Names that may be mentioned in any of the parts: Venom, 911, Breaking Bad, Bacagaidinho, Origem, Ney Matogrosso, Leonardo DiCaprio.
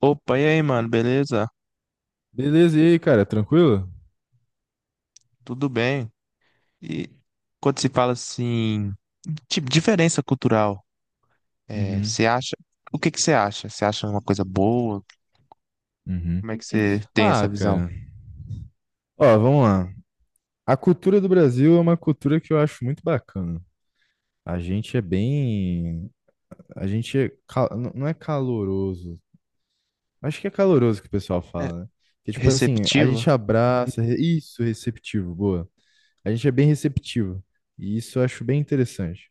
Opa, e aí, mano, beleza? Beleza, e aí, cara, tranquilo? Tudo bem? E quando se fala assim, tipo, diferença cultural, Uhum, você acha, o que que você acha? Você acha uma coisa boa? uhum. Como é que você tem Ah, essa visão? cara. Ó, vamos lá. A cultura do Brasil é uma cultura que eu acho muito bacana. A gente é bem. A gente é não é caloroso. Acho que é caloroso que o pessoal É fala, né? Que tipo assim, a receptiva? gente abraça. Isso, receptivo, boa. A gente é bem receptivo. E isso eu acho bem interessante.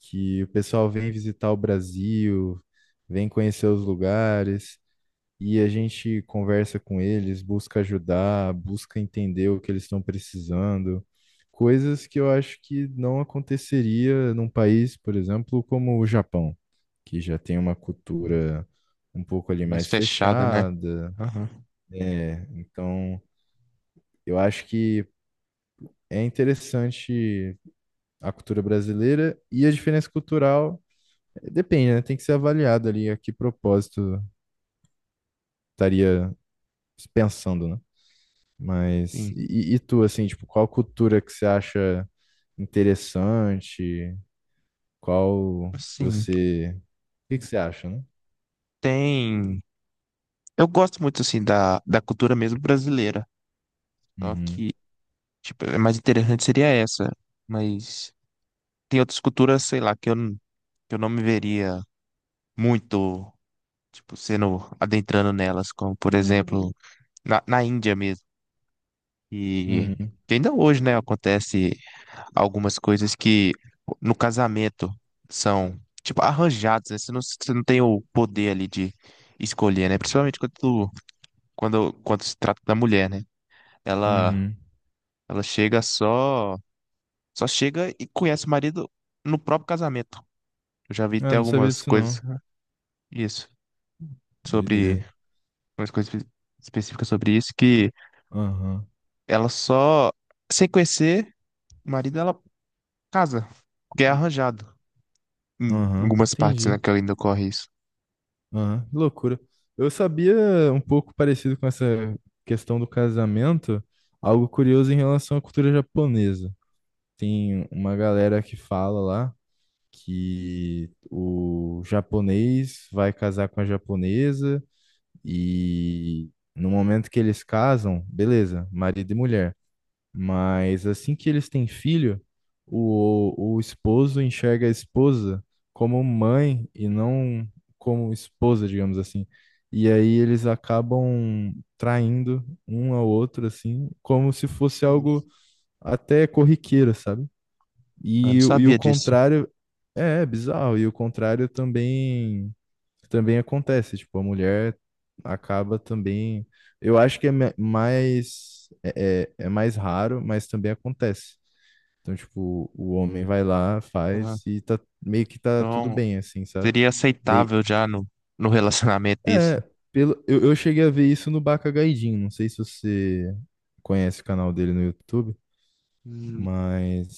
Que o pessoal vem visitar o Brasil, vem conhecer os lugares. E a gente conversa com eles, busca ajudar, busca entender o que eles estão precisando, coisas que eu acho que não aconteceria num país, por exemplo, como o Japão, que já tem uma Hum. cultura um pouco ali Mais mais fechada, né? fechada. Aham. É, então eu acho que é interessante a cultura brasileira e a diferença cultural depende, né? Tem que ser avaliado ali a que propósito estaria pensando, né? Mas Sim. e tu, assim, tipo, qual cultura que você acha interessante? Qual Assim, você. O que que você acha, né? tem... Eu gosto muito, assim, da cultura mesmo brasileira, só Uhum. que, tipo, a mais interessante seria essa, mas tem outras culturas, sei lá, que eu não me veria muito, tipo, sendo adentrando nelas, como por exemplo, na Índia mesmo. E Uhum. que ainda hoje, né, acontece algumas coisas que no casamento são, tipo, arranjadas, né? Você não tem o poder ali de escolher, né? Principalmente quando se trata da mulher, né? Ela, Uhum. ela chega só, só chega e conhece o marido no próprio casamento. Eu já vi até Ah, não sabia algumas disso coisas, não. isso, sobre, Doideira. algumas coisas específicas sobre isso que Aham. ela só, sem conhecer o marido, ela casa, porque é arranjado. Em Aham. algumas partes, né, Entendi. que ainda ocorre isso. Aham. Que loucura. Eu sabia um pouco parecido com essa questão do casamento, algo curioso em relação à cultura japonesa. Tem uma galera que fala lá que o japonês vai casar com a japonesa e no momento que eles casam, beleza, marido e mulher. Mas assim que eles têm filho, o esposo enxerga a esposa como mãe e não como esposa, digamos assim. E aí eles acabam traindo um ao outro, assim, como se fosse Isso. algo até corriqueiro, sabe? Eu não E, e o sabia disso. contrário é é bizarro, e o contrário também também acontece, tipo, a mulher acaba também, eu acho que é mais é, é mais raro, mas também acontece. Então, tipo, o homem vai lá, Uhum. faz e tá meio que tudo Então, bem, assim, sabe? seria Dei, aceitável já no, no relacionamento isso. é, pelo, eu cheguei a ver isso no Bacagaidinho, não sei se você conhece o canal dele no YouTube. Hum.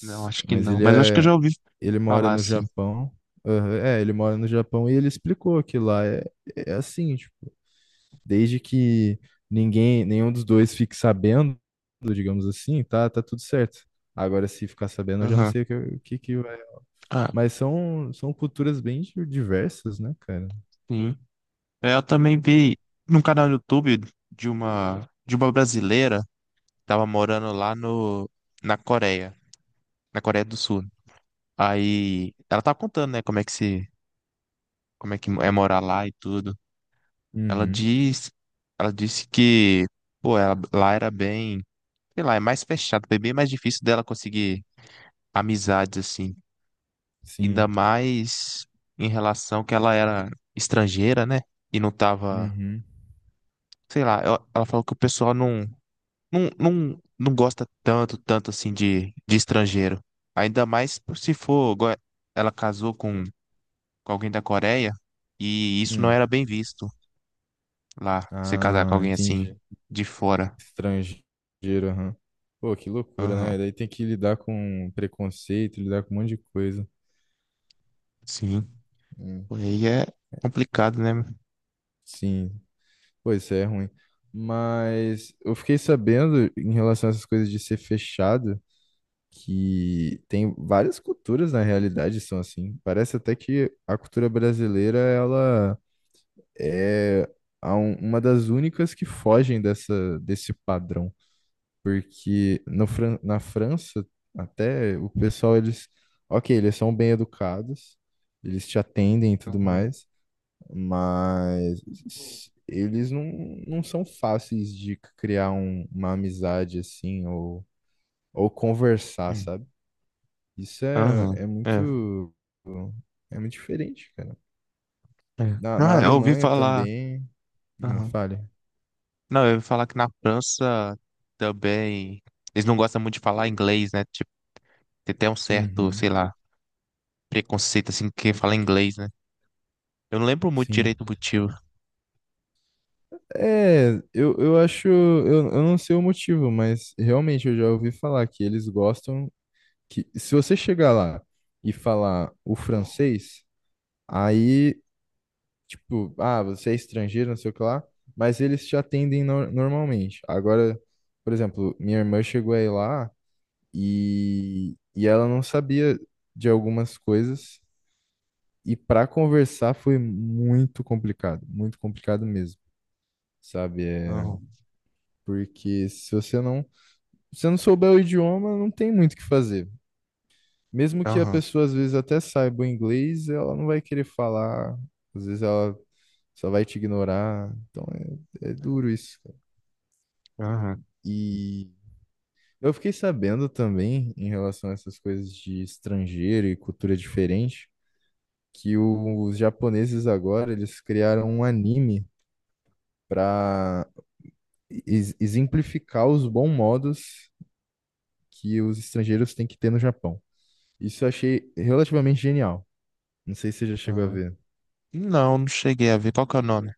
Não, acho que mas não. ele Mas eu acho que eu é, já ouvi ele mora falar no assim. Japão. Aham, é, ele mora no Japão e ele explicou que lá é, é assim, tipo, desde que ninguém, nenhum dos dois fique sabendo, digamos assim, tá, tá tudo certo. Agora, se ficar sabendo, eu já não Aham. sei o que que vai. Ah, Mas são, são culturas bem diversas, né, cara? sim. É, eu também vi num canal no YouTube de uma brasileira que tava morando lá no na Coreia, na Coreia do Sul. Aí ela tava contando, né, como é que se como é que é morar lá e tudo. Ela Uhum, diz, ela disse que, pô, ela, lá era bem, sei lá, é mais fechado, foi bem mais difícil dela conseguir amizades assim. sim. Ainda mais em relação que ela era estrangeira, né? E não tava, Uhum. sei lá, ela falou que o pessoal não gosta tanto assim de estrangeiro. Ainda mais se for, igual ela casou com alguém da Coreia e isso não Hum. era bem visto lá, você casar com Ah, alguém assim entendi. de fora. Estrangeiro, aham. Pô, que loucura, Aham, né? Daí tem que lidar com preconceito, lidar com um monte de coisa. sim. Hum, Aí é complicado, né? Sim, pois isso é ruim. Mas eu fiquei sabendo, em relação a essas coisas de ser fechado, que tem várias culturas na realidade são assim. Parece até que a cultura brasileira, ela é a uma das únicas que fogem dessa, desse padrão. Porque no, na França, até o pessoal, eles, ok, eles são bem educados, eles te atendem e tudo Aham. mais, mas eles não, não são fáceis de criar uma amizade assim, ou conversar, sabe? Isso é, Aham, é, é muito diferente, cara. é. Na Ah, eu ouvi Alemanha falar. também, ah, Aham. fale. Não, eu ia falar que na França também eles não gostam muito de falar inglês, né? Tipo, tem até um certo, Uhum, sei lá, preconceito assim que fala inglês, né? Eu não lembro muito sim. direito o motivo. É, eu acho, eu não sei o motivo, mas realmente eu já ouvi falar que eles gostam que se você chegar lá e falar o francês, aí, tipo, ah, você é estrangeiro, não sei o que lá, mas eles te atendem normalmente. Agora, por exemplo, minha irmã chegou aí lá e ela não sabia de algumas coisas e para conversar foi muito complicado mesmo, sabe? É, Aham, porque se você não. Se você não souber o idioma, não tem muito o que fazer. Mesmo que a aham, pessoa às vezes até saiba o inglês, ela não vai querer falar, às vezes ela só vai te ignorar. Então é, é duro isso, cara. aham, E eu fiquei sabendo também, em relação a essas coisas de estrangeiro e cultura diferente, que os japoneses agora eles criaram um anime para exemplificar os bons modos que os estrangeiros têm que ter no Japão. Isso eu achei relativamente genial. Não sei se você já chegou a aham. ver. Não, não cheguei a ver. Qual que é o nome?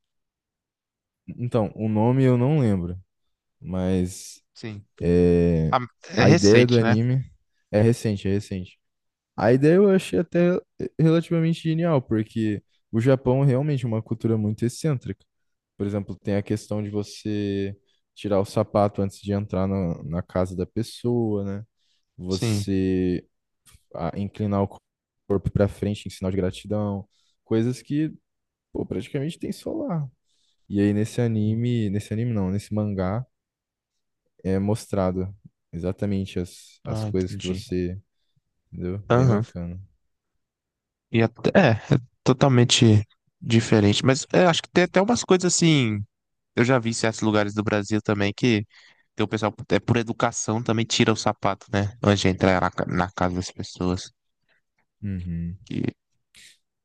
Então, o nome eu não lembro, mas Sim. é, Ah, é a ideia recente, do né? anime é recente, é recente. A ideia eu achei até relativamente genial, porque o Japão é realmente uma cultura muito excêntrica. Por exemplo, tem a questão de você tirar o sapato antes de entrar na casa da pessoa, né? Sim. Você ah, inclinar o corpo para frente em sinal de gratidão, coisas que, pô, praticamente tem só lá. E aí Sim. Nesse anime não, nesse mangá é mostrado exatamente as, as Ah, coisas que entendi. você, entendeu? Bem Aham. bacana. E até, é, é totalmente diferente. Mas é, acho que tem até umas coisas assim. Eu já vi em certos lugares do Brasil também que tem o pessoal, é por educação, também tira o sapato, né? Antes de entrar na casa das pessoas. Uhum. Que não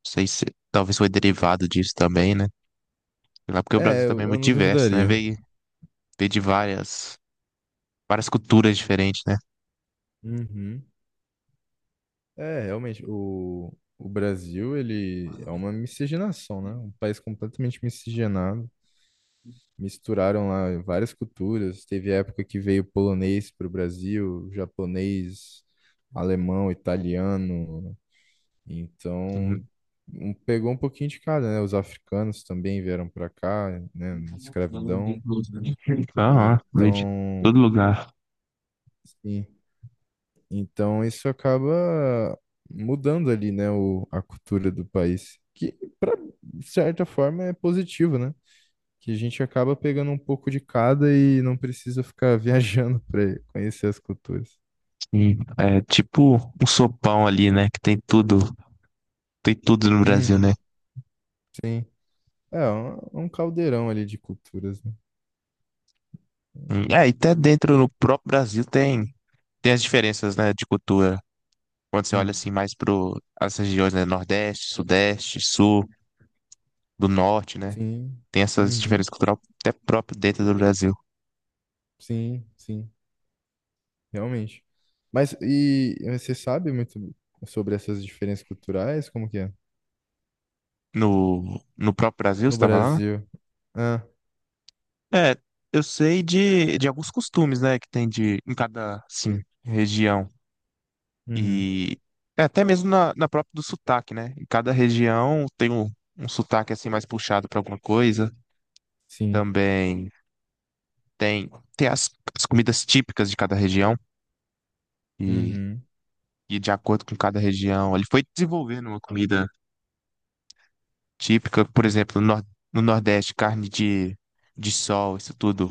sei se talvez foi derivado disso também, né? Sei lá, porque o Brasil É, também eu, é eu muito não diverso, né? duvidaria. Veio, veio de várias, várias culturas diferentes, né? Uhum. É, realmente, o Brasil, ele é uma miscigenação, né? Um país completamente miscigenado. Misturaram lá várias culturas. Teve época que veio polonês para o Brasil, japonês, alemão, italiano. Então, Sim. Pegou um pouquinho de cada, né? Os africanos também vieram para cá, né? Então, ó, Escravidão. de Então, todo lugar. sim. Então, isso acaba mudando ali, né? O, a cultura do país, que de certa forma é positivo, né? Que a gente acaba pegando um pouco de cada e não precisa ficar viajando para conhecer as culturas. Sim, é tipo um sopão ali, né? Que tem tudo no Brasil, Uhum. né? É é um caldeirão ali de culturas, né? Uhum. é, e até dentro no próprio Brasil tem, tem as diferenças, né, de cultura. Quando você olha assim mais pro as regiões, né, Nordeste, Sudeste, Sul, do Norte, né? Sim. Tem essas Uhum. diferenças culturais até próprio dentro do Brasil. Sim, sim, realmente. Mas e você sabe muito sobre essas diferenças culturais? Como que é? No próprio Brasil, você No tá falando? Brasil. Ah, É, eu sei de alguns costumes, né, que tem de em cada, assim, região. uhum. E é, até mesmo na própria do sotaque, né? Em cada região tem um, um sotaque assim mais puxado para alguma coisa. Sim. Também tem, tem as, as comidas típicas de cada região e, Uhum. e de acordo com cada região. Ele foi desenvolvendo uma comida típica, por exemplo, Nor- no Nordeste, carne de sol, isso tudo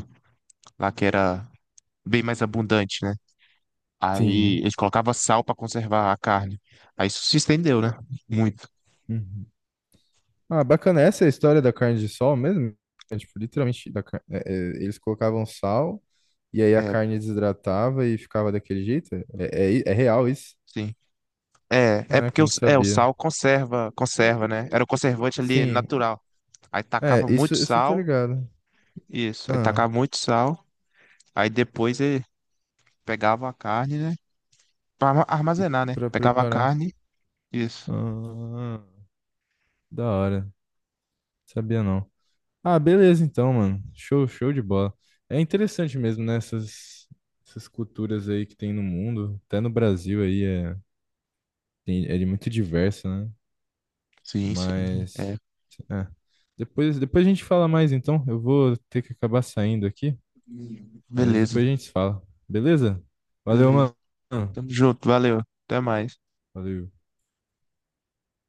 lá que era bem mais abundante, né? Aí Sim. eles colocavam sal para conservar a carne. Aí isso se estendeu, né? Muito. Uhum. Ah, bacana. Essa é a história da carne de sol mesmo? É, tipo, literalmente, da é, é, eles colocavam sal e aí a É, carne desidratava e ficava daquele jeito? É, é, é real isso? sim. É, é Caraca, porque eu não o sabia. sal conserva, conserva, né? Era o conservante ali Sim. natural. Aí É, tacava isso, muito isso eu tô sal, ligado. isso, aí Ah, tacava muito sal, aí depois ele pegava a carne, né? Pra arma- e armazenar, né? pra Pegava a preparar. carne, isso. Ah, da hora. Sabia não. Ah, beleza então, mano. Show, show de bola. É interessante mesmo, né? Essas, essas culturas aí que tem no mundo. Até no Brasil aí é, é de muito diverso, né? Sim, sim. Mas. É, É. Depois, depois a gente fala mais então. Eu vou ter que acabar saindo aqui, mas beleza, depois a gente se fala. Beleza? Valeu, beleza. mano. Tamo junto, valeu. Até mais. Valeu.